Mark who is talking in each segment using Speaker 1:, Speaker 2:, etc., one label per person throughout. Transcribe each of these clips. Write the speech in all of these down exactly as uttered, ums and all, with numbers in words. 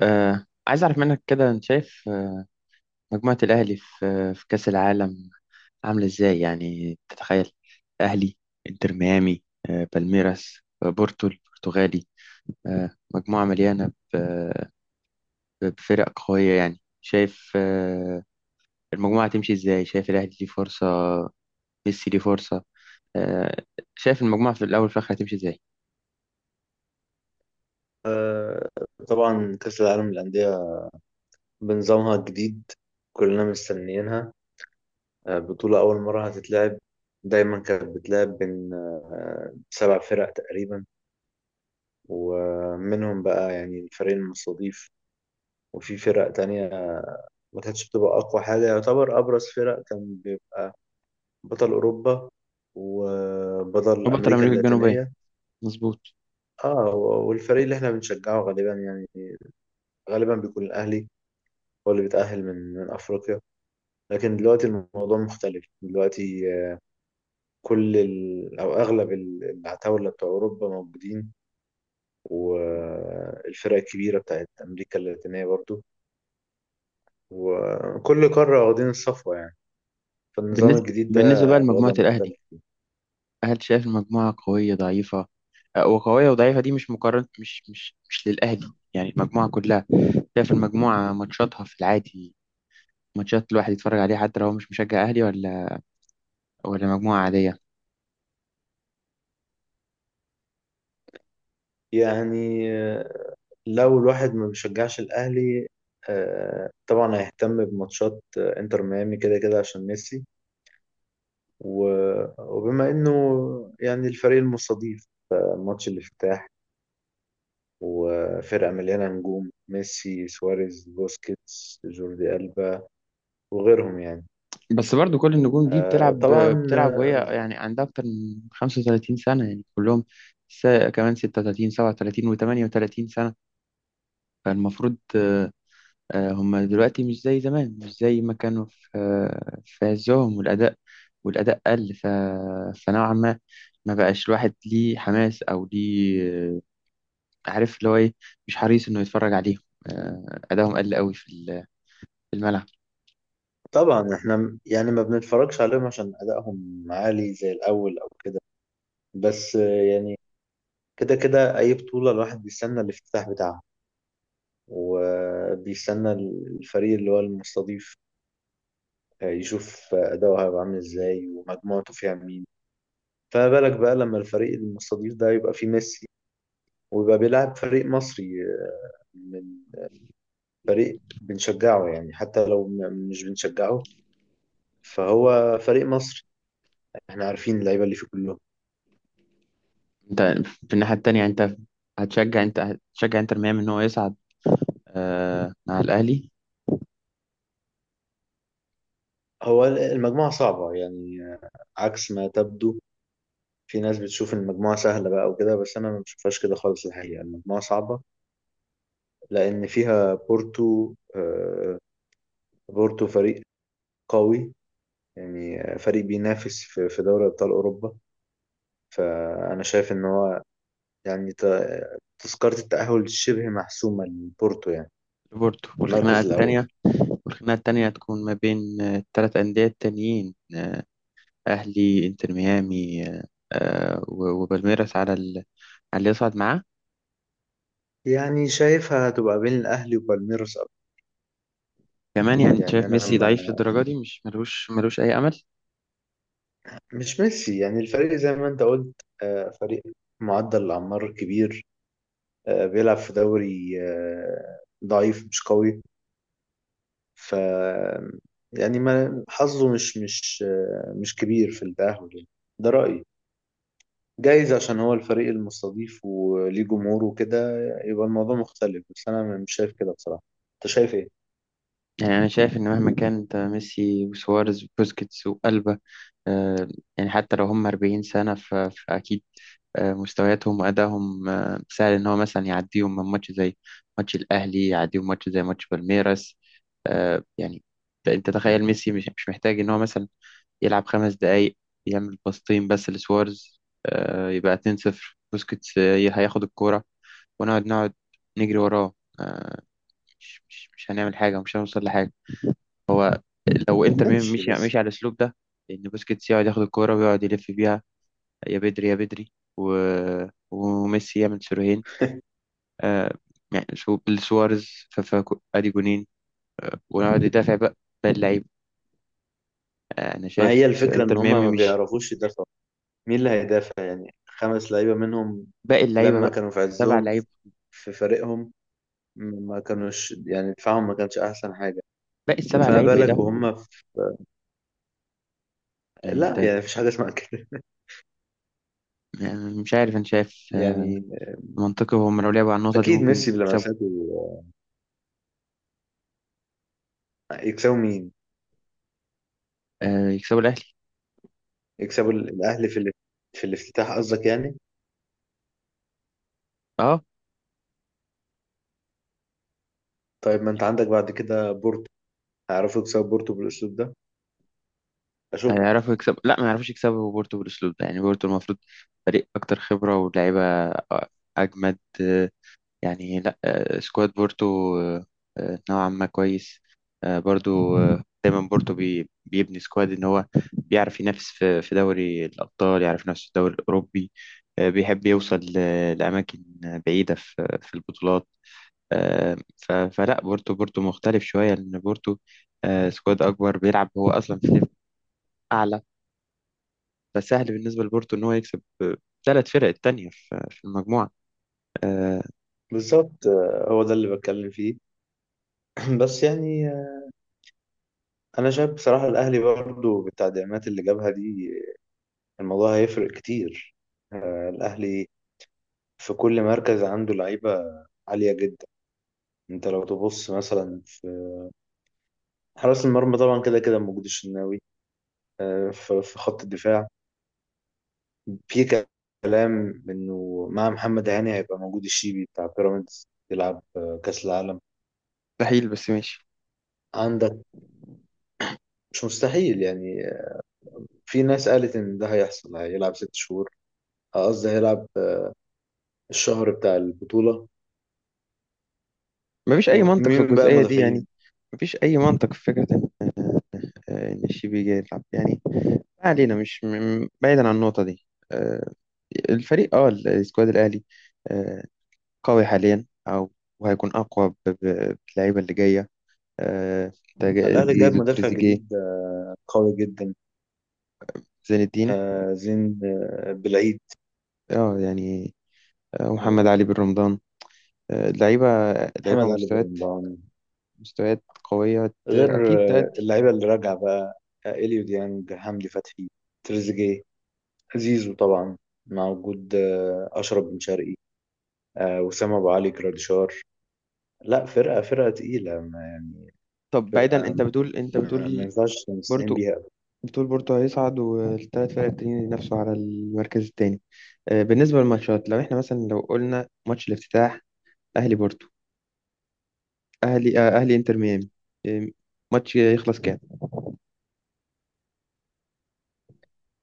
Speaker 1: آه عايز أعرف منك كده، أنت شايف آه، مجموعة الأهلي في آه، في كأس العالم عاملة إزاي؟ يعني تتخيل أهلي، إنتر ميامي، آه بالميراس، آه، بورتو البرتغالي، آه مجموعة مليانة ب- بفرق قوية. يعني شايف آه المجموعة تمشي إزاي؟ شايف الأهلي ليه فرصة، ميسي ليه فرصة؟ آه شايف المجموعة في الأول في الآخر هتمشي إزاي؟
Speaker 2: آه، طبعا كأس العالم للأندية بنظامها الجديد، كلنا مستنيينها. آه، بطولة أول مرة هتتلعب. دايما كانت بتلعب بين آه، سبع فرق تقريبا، ومنهم بقى يعني الفريق المستضيف وفي فرق تانية، ما كانتش بتبقى أقوى حاجة. يعتبر أبرز فرق كان بيبقى بطل أوروبا وبطل
Speaker 1: وبطل
Speaker 2: أمريكا
Speaker 1: أمريكا الجنوبية،
Speaker 2: اللاتينية.
Speaker 1: مظبوط.
Speaker 2: اه، والفريق اللي احنا بنشجعه غالبا يعني غالبا بيكون الأهلي، هو اللي بيتأهل من من أفريقيا. لكن دلوقتي الموضوع مختلف، دلوقتي آه، كل ال... أو أغلب ال- العتاولة بتوع أوروبا موجودين، والفرق الكبيرة بتاعت أمريكا اللاتينية برضو، وكل قارة واخدين الصفوة يعني. فالنظام
Speaker 1: بالنسبة
Speaker 2: الجديد ده
Speaker 1: بالنسبة بقى
Speaker 2: الوضع
Speaker 1: لمجموعة الأهلي،
Speaker 2: مختلف.
Speaker 1: هل شايف المجموعة قوية ضعيفة؟ آه، وقوية وضعيفة دي مش مقارنة، مش مش مش للأهلي، يعني المجموعة كلها. شايف المجموعة ماتشاتها في العادي، ماتشات الواحد يتفرج عليها حتى لو هو مش مشجع أهلي ولا ولا مجموعة عادية.
Speaker 2: يعني آه، لو الواحد ما بيشجعش الأهلي، آه، طبعا هيهتم بماتشات آه، انتر ميامي كده كده عشان ميسي. و- وبما انه يعني الفريق المستضيف، آه، ماتش الافتتاح، وفرقة مليانة نجوم: ميسي، سواريز، بوسكيتس، جوردي ألبا، وغيرهم يعني.
Speaker 1: بس برضو كل النجوم دي
Speaker 2: آه،
Speaker 1: بتلعب
Speaker 2: طبعا
Speaker 1: بتلعب وهي
Speaker 2: آه،
Speaker 1: يعني عندها أكتر من خمسة وثلاثين سنة، يعني كلهم. س... كمان ستة وتلاتين، سبعة وتلاتين و38 سنة. فالمفروض آه، هما دلوقتي مش زي زمان، مش زي ما كانوا في آه، في عزهم. والأداء، والأداء قل. ف... فنوعا ما، ما بقاش الواحد ليه حماس أو ليه. آه، عارف اللي هو إيه، مش حريص إنه يتفرج عليهم. آه، أدائهم قل قوي في ال- في الملعب.
Speaker 2: طبعا احنا م- يعني ما بنتفرجش عليهم عشان أدائهم عالي زي الأول أو كده. بس آه، يعني كده كده أي بطولة الواحد بيستنى الافتتاح بتاعها، وبيستنى الفريق اللي هو المستضيف، آه، يشوف أداؤه هيبقى عامل ازاي ومجموعته فيها مين. فما بالك بقى لما الفريق المستضيف ده يبقى فيه ميسي، ويبقى بيلعب فريق مصري آه، من فريق بنشجعه، يعني حتى لو م- مش بنشجعه، فهو فريق مصر، احنا عارفين اللعيبة اللي فيه كلهم.
Speaker 1: أنت في الناحية التانية، أنت هتشجع، أنت هتشجع إنتر ميامي إن هو يصعد آه، مع الأهلي؟
Speaker 2: هو المجموعة صعبة يعني عكس ما تبدو. في ناس بتشوف المجموعة سهلة بقى وكده، بس أنا ما بشوفهاش كده خالص. الحقيقة المجموعة صعبة لأن فيها بورتو. آه، بورتو فريق قوي، يعني فريق بينافس في في دوري أبطال أوروبا. فأنا شايف إن هو يعني ت- تذكرة التأهل شبه محسومة لبورتو، يعني
Speaker 1: لبورتو، والخناقة
Speaker 2: المركز الأول.
Speaker 1: التانية والخناقة التانية هتكون ما بين آه، التلات أندية التانيين: آه، أهلي، إنتر ميامي آه، و- وبالميراس، على ال... على اللي يصعد معاه.
Speaker 2: يعني شايفها هتبقى بين الأهلي وبالميروس أوي.
Speaker 1: كمان يعني أنت
Speaker 2: يعني
Speaker 1: شايف
Speaker 2: أنا
Speaker 1: ميسي ضعيف
Speaker 2: ما
Speaker 1: للدرجة دي؟ مش ملوش ملوش أي أمل؟
Speaker 2: مش ميسي، يعني الفريق زي ما أنت قلت، آه، فريق معدل الأعمار كبير. آه، بيلعب في دوري آه، ضعيف مش قوي. ف يعني ما حظه مش مش آه، مش كبير في التأهل يعني. ده رأيي. جايز عشان هو الفريق المستضيف وليه جمهور وكده يبقى الموضوع مختلف، بس أنا مش شايف كده بصراحة. أنت شايف إيه؟
Speaker 1: يعني أنا شايف إن مهما كان أنت ميسي وسواريز وبوسكيتس وألبا، آه، يعني حتى لو هم أربعين سنة، ف- فأكيد آه، مستوياتهم وأدائهم آه، سهل إن هو مثلا يعديهم من ماتش زي ماتش الأهلي، يعديهم ماتش زي ماتش بالميراس. آه، يعني أنت أنت تخيل، ميسي مش مش محتاج إن هو مثلا يلعب خمس دقايق، يعمل باصتين بس لسوارز، آه، يبقى اتنين صفر. بوسكيتس آه، هياخد الكورة، ونقعد نقعد نجري وراه. آه، مش مش مش هنعمل حاجة، ومش هنوصل لحاجة. هو لو انتر ميامي
Speaker 2: ماشي
Speaker 1: مشي
Speaker 2: بس.
Speaker 1: مشي على الأسلوب ده، إن بوسكيتس يقعد ياخد الكورة ويقعد يلف بيها، يا بدري يا بدري، و... وميسي يعمل سيروهين، آه، يعني سو- لسوارز، ف- ف- ادي جونين، ونقعد ندافع بقى، باقي اللعيبة. آه، أنا
Speaker 2: ما
Speaker 1: شايف
Speaker 2: هي الفكرة إن
Speaker 1: انتر
Speaker 2: هما ما
Speaker 1: ميامي مش،
Speaker 2: بيعرفوش يدافعوا. مين اللي هيدافع يعني؟ خمس لعيبة منهم
Speaker 1: باقي اللعيبة
Speaker 2: لما
Speaker 1: بقى،
Speaker 2: كانوا في
Speaker 1: سبع
Speaker 2: عزهم
Speaker 1: لعيبة،
Speaker 2: في فريقهم، ما كانوش يعني دفاعهم ما كانش أحسن حاجة.
Speaker 1: باقي السبع
Speaker 2: فما
Speaker 1: لعيبة.
Speaker 2: بالك وهم في...
Speaker 1: يعني
Speaker 2: لا
Speaker 1: انت
Speaker 2: يعني مفيش حاجة اسمها كده.
Speaker 1: م- مش عارف، انت شايف آه،
Speaker 2: يعني
Speaker 1: منطقي هم لو لعبوا على النقطة دي
Speaker 2: أكيد
Speaker 1: ممكن
Speaker 2: ميسي
Speaker 1: يكسبوا؟
Speaker 2: بلمساته. يكسبوا مين؟
Speaker 1: آه، يكسبوا الأهلي؟
Speaker 2: يكسبوا الأهلي في ال- في الافتتاح قصدك يعني؟
Speaker 1: اه،
Speaker 2: طيب ما أنت عندك بعد كده بورتو، هيعرفوا يكسبوا بورتو بالأسلوب ده؟ أشك.
Speaker 1: هيعرفوا يكسبوا؟ لا، ما يعرفوش يكسبوا بورتو بالأسلوب ده. يعني بورتو المفروض فريق أكتر خبرة ولاعيبة، آه، أجمد. آه، يعني لا، آه، سكواد بورتو آه، آه، نوعا ما كويس. آه، برضو آه، دايما بورتو بي بيبني سكواد إن هو بيعرف ينافس في في دوري الأبطال، يعرف ينافس في الدوري الأوروبي. آه، بيحب يوصل ل- لأماكن بعيدة في في البطولات. آه، ف- فلا، بورتو بورتو مختلف شوية، لأن بورتو آه، سكواد أكبر، بيلعب هو أصلا في ليفل أعلى. فسهل بالنسبة لبورتو إن هو يكسب آه، ثلاث فرق التانية في في المجموعة.
Speaker 2: بالظبط، آه، هو ده اللي بتكلم فيه. بس يعني آه، أنا شايف بصراحة الأهلي برضه بالتدعيمات اللي جابها دي، الموضوع هيفرق كتير. آه، الأهلي في كل مركز عنده لعيبة عالية جدا. انت لو تبص مثلا في حراس المرمى، طبعا كده كده موجود الشناوي. آه، ف- في خط الدفاع في كلام انه مع محمد هاني هيبقى موجود الشيبي بتاع بيراميدز، يلعب آه، كأس العالم
Speaker 1: مستحيل، بس ماشي.
Speaker 2: عندك. مش مستحيل يعني. آه، في ناس قالت ان ده هيحصل، هيلعب ست شهور، آه، قصدي هيلعب آه، الشهر بتاع البطولة.
Speaker 1: مفيش أي منطق في
Speaker 2: ومين بقى
Speaker 1: الجزئية دي، يعني
Speaker 2: المدافعين؟
Speaker 1: مفيش أي منطق في فكرة إن آه، إن الشيبي جاي يلعب يعني. ما علينا، مش م- م- بعيدا عن النقطة دي. آه، الفريق، أه السكواد الأهلي آه، قوي حاليا، أو وهيكون أقوى ب- ب- باللعيبة اللي جاية. آه،
Speaker 2: الأهلي جاب
Speaker 1: زيزو،
Speaker 2: مدافع
Speaker 1: تريزيجيه،
Speaker 2: جديد آه، قوي جدا.
Speaker 1: زين الدين،
Speaker 2: آه زين آه بالعيد،
Speaker 1: اه يعني، آه، محمد
Speaker 2: آه
Speaker 1: علي بن رمضان. آه، لعيبة، لعيبة
Speaker 2: محمد علي
Speaker 1: مستويات،
Speaker 2: برمضان.
Speaker 1: مستويات قوية، ت-
Speaker 2: غير
Speaker 1: أكيد
Speaker 2: آه
Speaker 1: تأدي.
Speaker 2: اللعيبة اللي راجعة بقى: آه إليو ديانج، حمدي فتحي، تريزيجيه، زيزو طبعا، مع وجود آه أشرف بن شرقي، آه وسام أبو علي، جراديشار. لا، فرقة فرقة تقيلة ما يعني.
Speaker 1: طب بعيدا،
Speaker 2: فرقة
Speaker 1: أنت بتقول أنت
Speaker 2: ما, ما
Speaker 1: بتقول
Speaker 2: ينفعش نستهين
Speaker 1: بورتو
Speaker 2: بيها أبدا.
Speaker 1: بتقول بورتو هيصعد، والثلاث فرق التانيين ينافسوا على المركز التاني. آه، بالنسبة للماتشات، لو احنا مثلا لو قلنا ماتش الافتتاح أهلي بورتو، أهلي آه، أهلي إنتر ميامي، آه، ماتش يخلص كام؟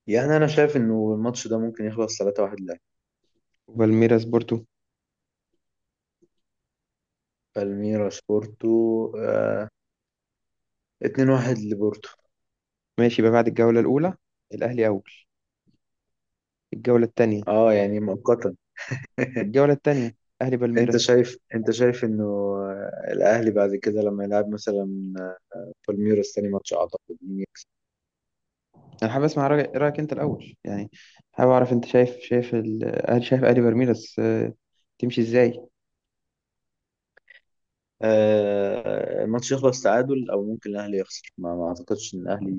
Speaker 2: يعني أنا شايف إنه الماتش ده ممكن يخلص ثلاثة واحد لأهلي.
Speaker 1: بالميراس بورتو،
Speaker 2: بالميراس بورتو، آه اتنين واحد لبورتو.
Speaker 1: ماشي. يبقى بعد الجولة الأولى الأهلي أول. الجولة التانية،
Speaker 2: اه يعني مؤقتا.
Speaker 1: الجولة التانية أهلي
Speaker 2: انت
Speaker 1: بالميراس.
Speaker 2: شايف انت شايف انه الاهلي بعد كده لما يلعب مثلا بالميراس تاني ماتش، اعتقد مين يكسب؟
Speaker 1: انا حابب اسمع رايك رأيك انت الاول يعني. حابب اعرف، انت شايف شايف ال- هل شايف الي بالميراس آه، تمشي ازاي؟
Speaker 2: آه، الماتش يخلص تعادل او ممكن الاهلي يخسر. ما, ما اعتقدش ان الاهلي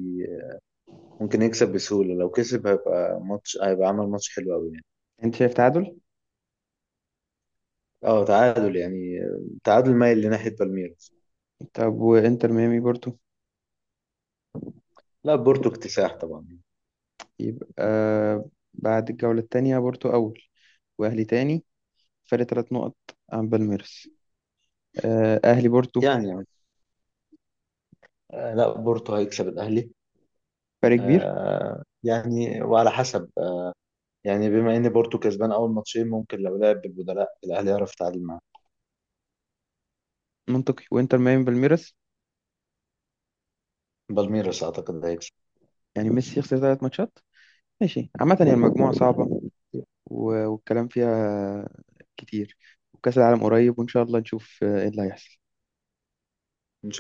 Speaker 2: ممكن يكسب بسهولة. لو كسب هيبقى ماتش، هيبقى عمل ماتش حلو قوي يعني.
Speaker 1: انت شايف تعادل؟
Speaker 2: اه تعادل، يعني تعادل مايل لناحية بالميراس.
Speaker 1: طب وانتر ميامي بورتو؟
Speaker 2: لا، بورتو اكتساح طبعا.
Speaker 1: يبقى بعد الجوله الثانيه بورتو اول، واهلي تاني، فرق ثلاث نقط عن بالميراس. آه، اهلي بورتو،
Speaker 2: يعني يعني. آه، لا، بورتو هيكسب الاهلي.
Speaker 1: فرق كبير،
Speaker 2: آه، يعني وعلى حسب، يعني بما ان بورتو كسبان اول ماتشين ممكن لو لعب بالبدلاء الاهلي يعرف يتعادل معاه.
Speaker 1: منطقي. وانتر ميامي بالميراس؟
Speaker 2: بالميراس اعتقد هيكسب.
Speaker 1: يعني ميسي يخسر ثلاث ماتشات. ماشي، عامه هي المجموعه صعبه، و- والكلام فيها كتير. وكأس العالم قريب، وإن شاء الله نشوف آه، إيه اللي هيحصل.
Speaker 2: ان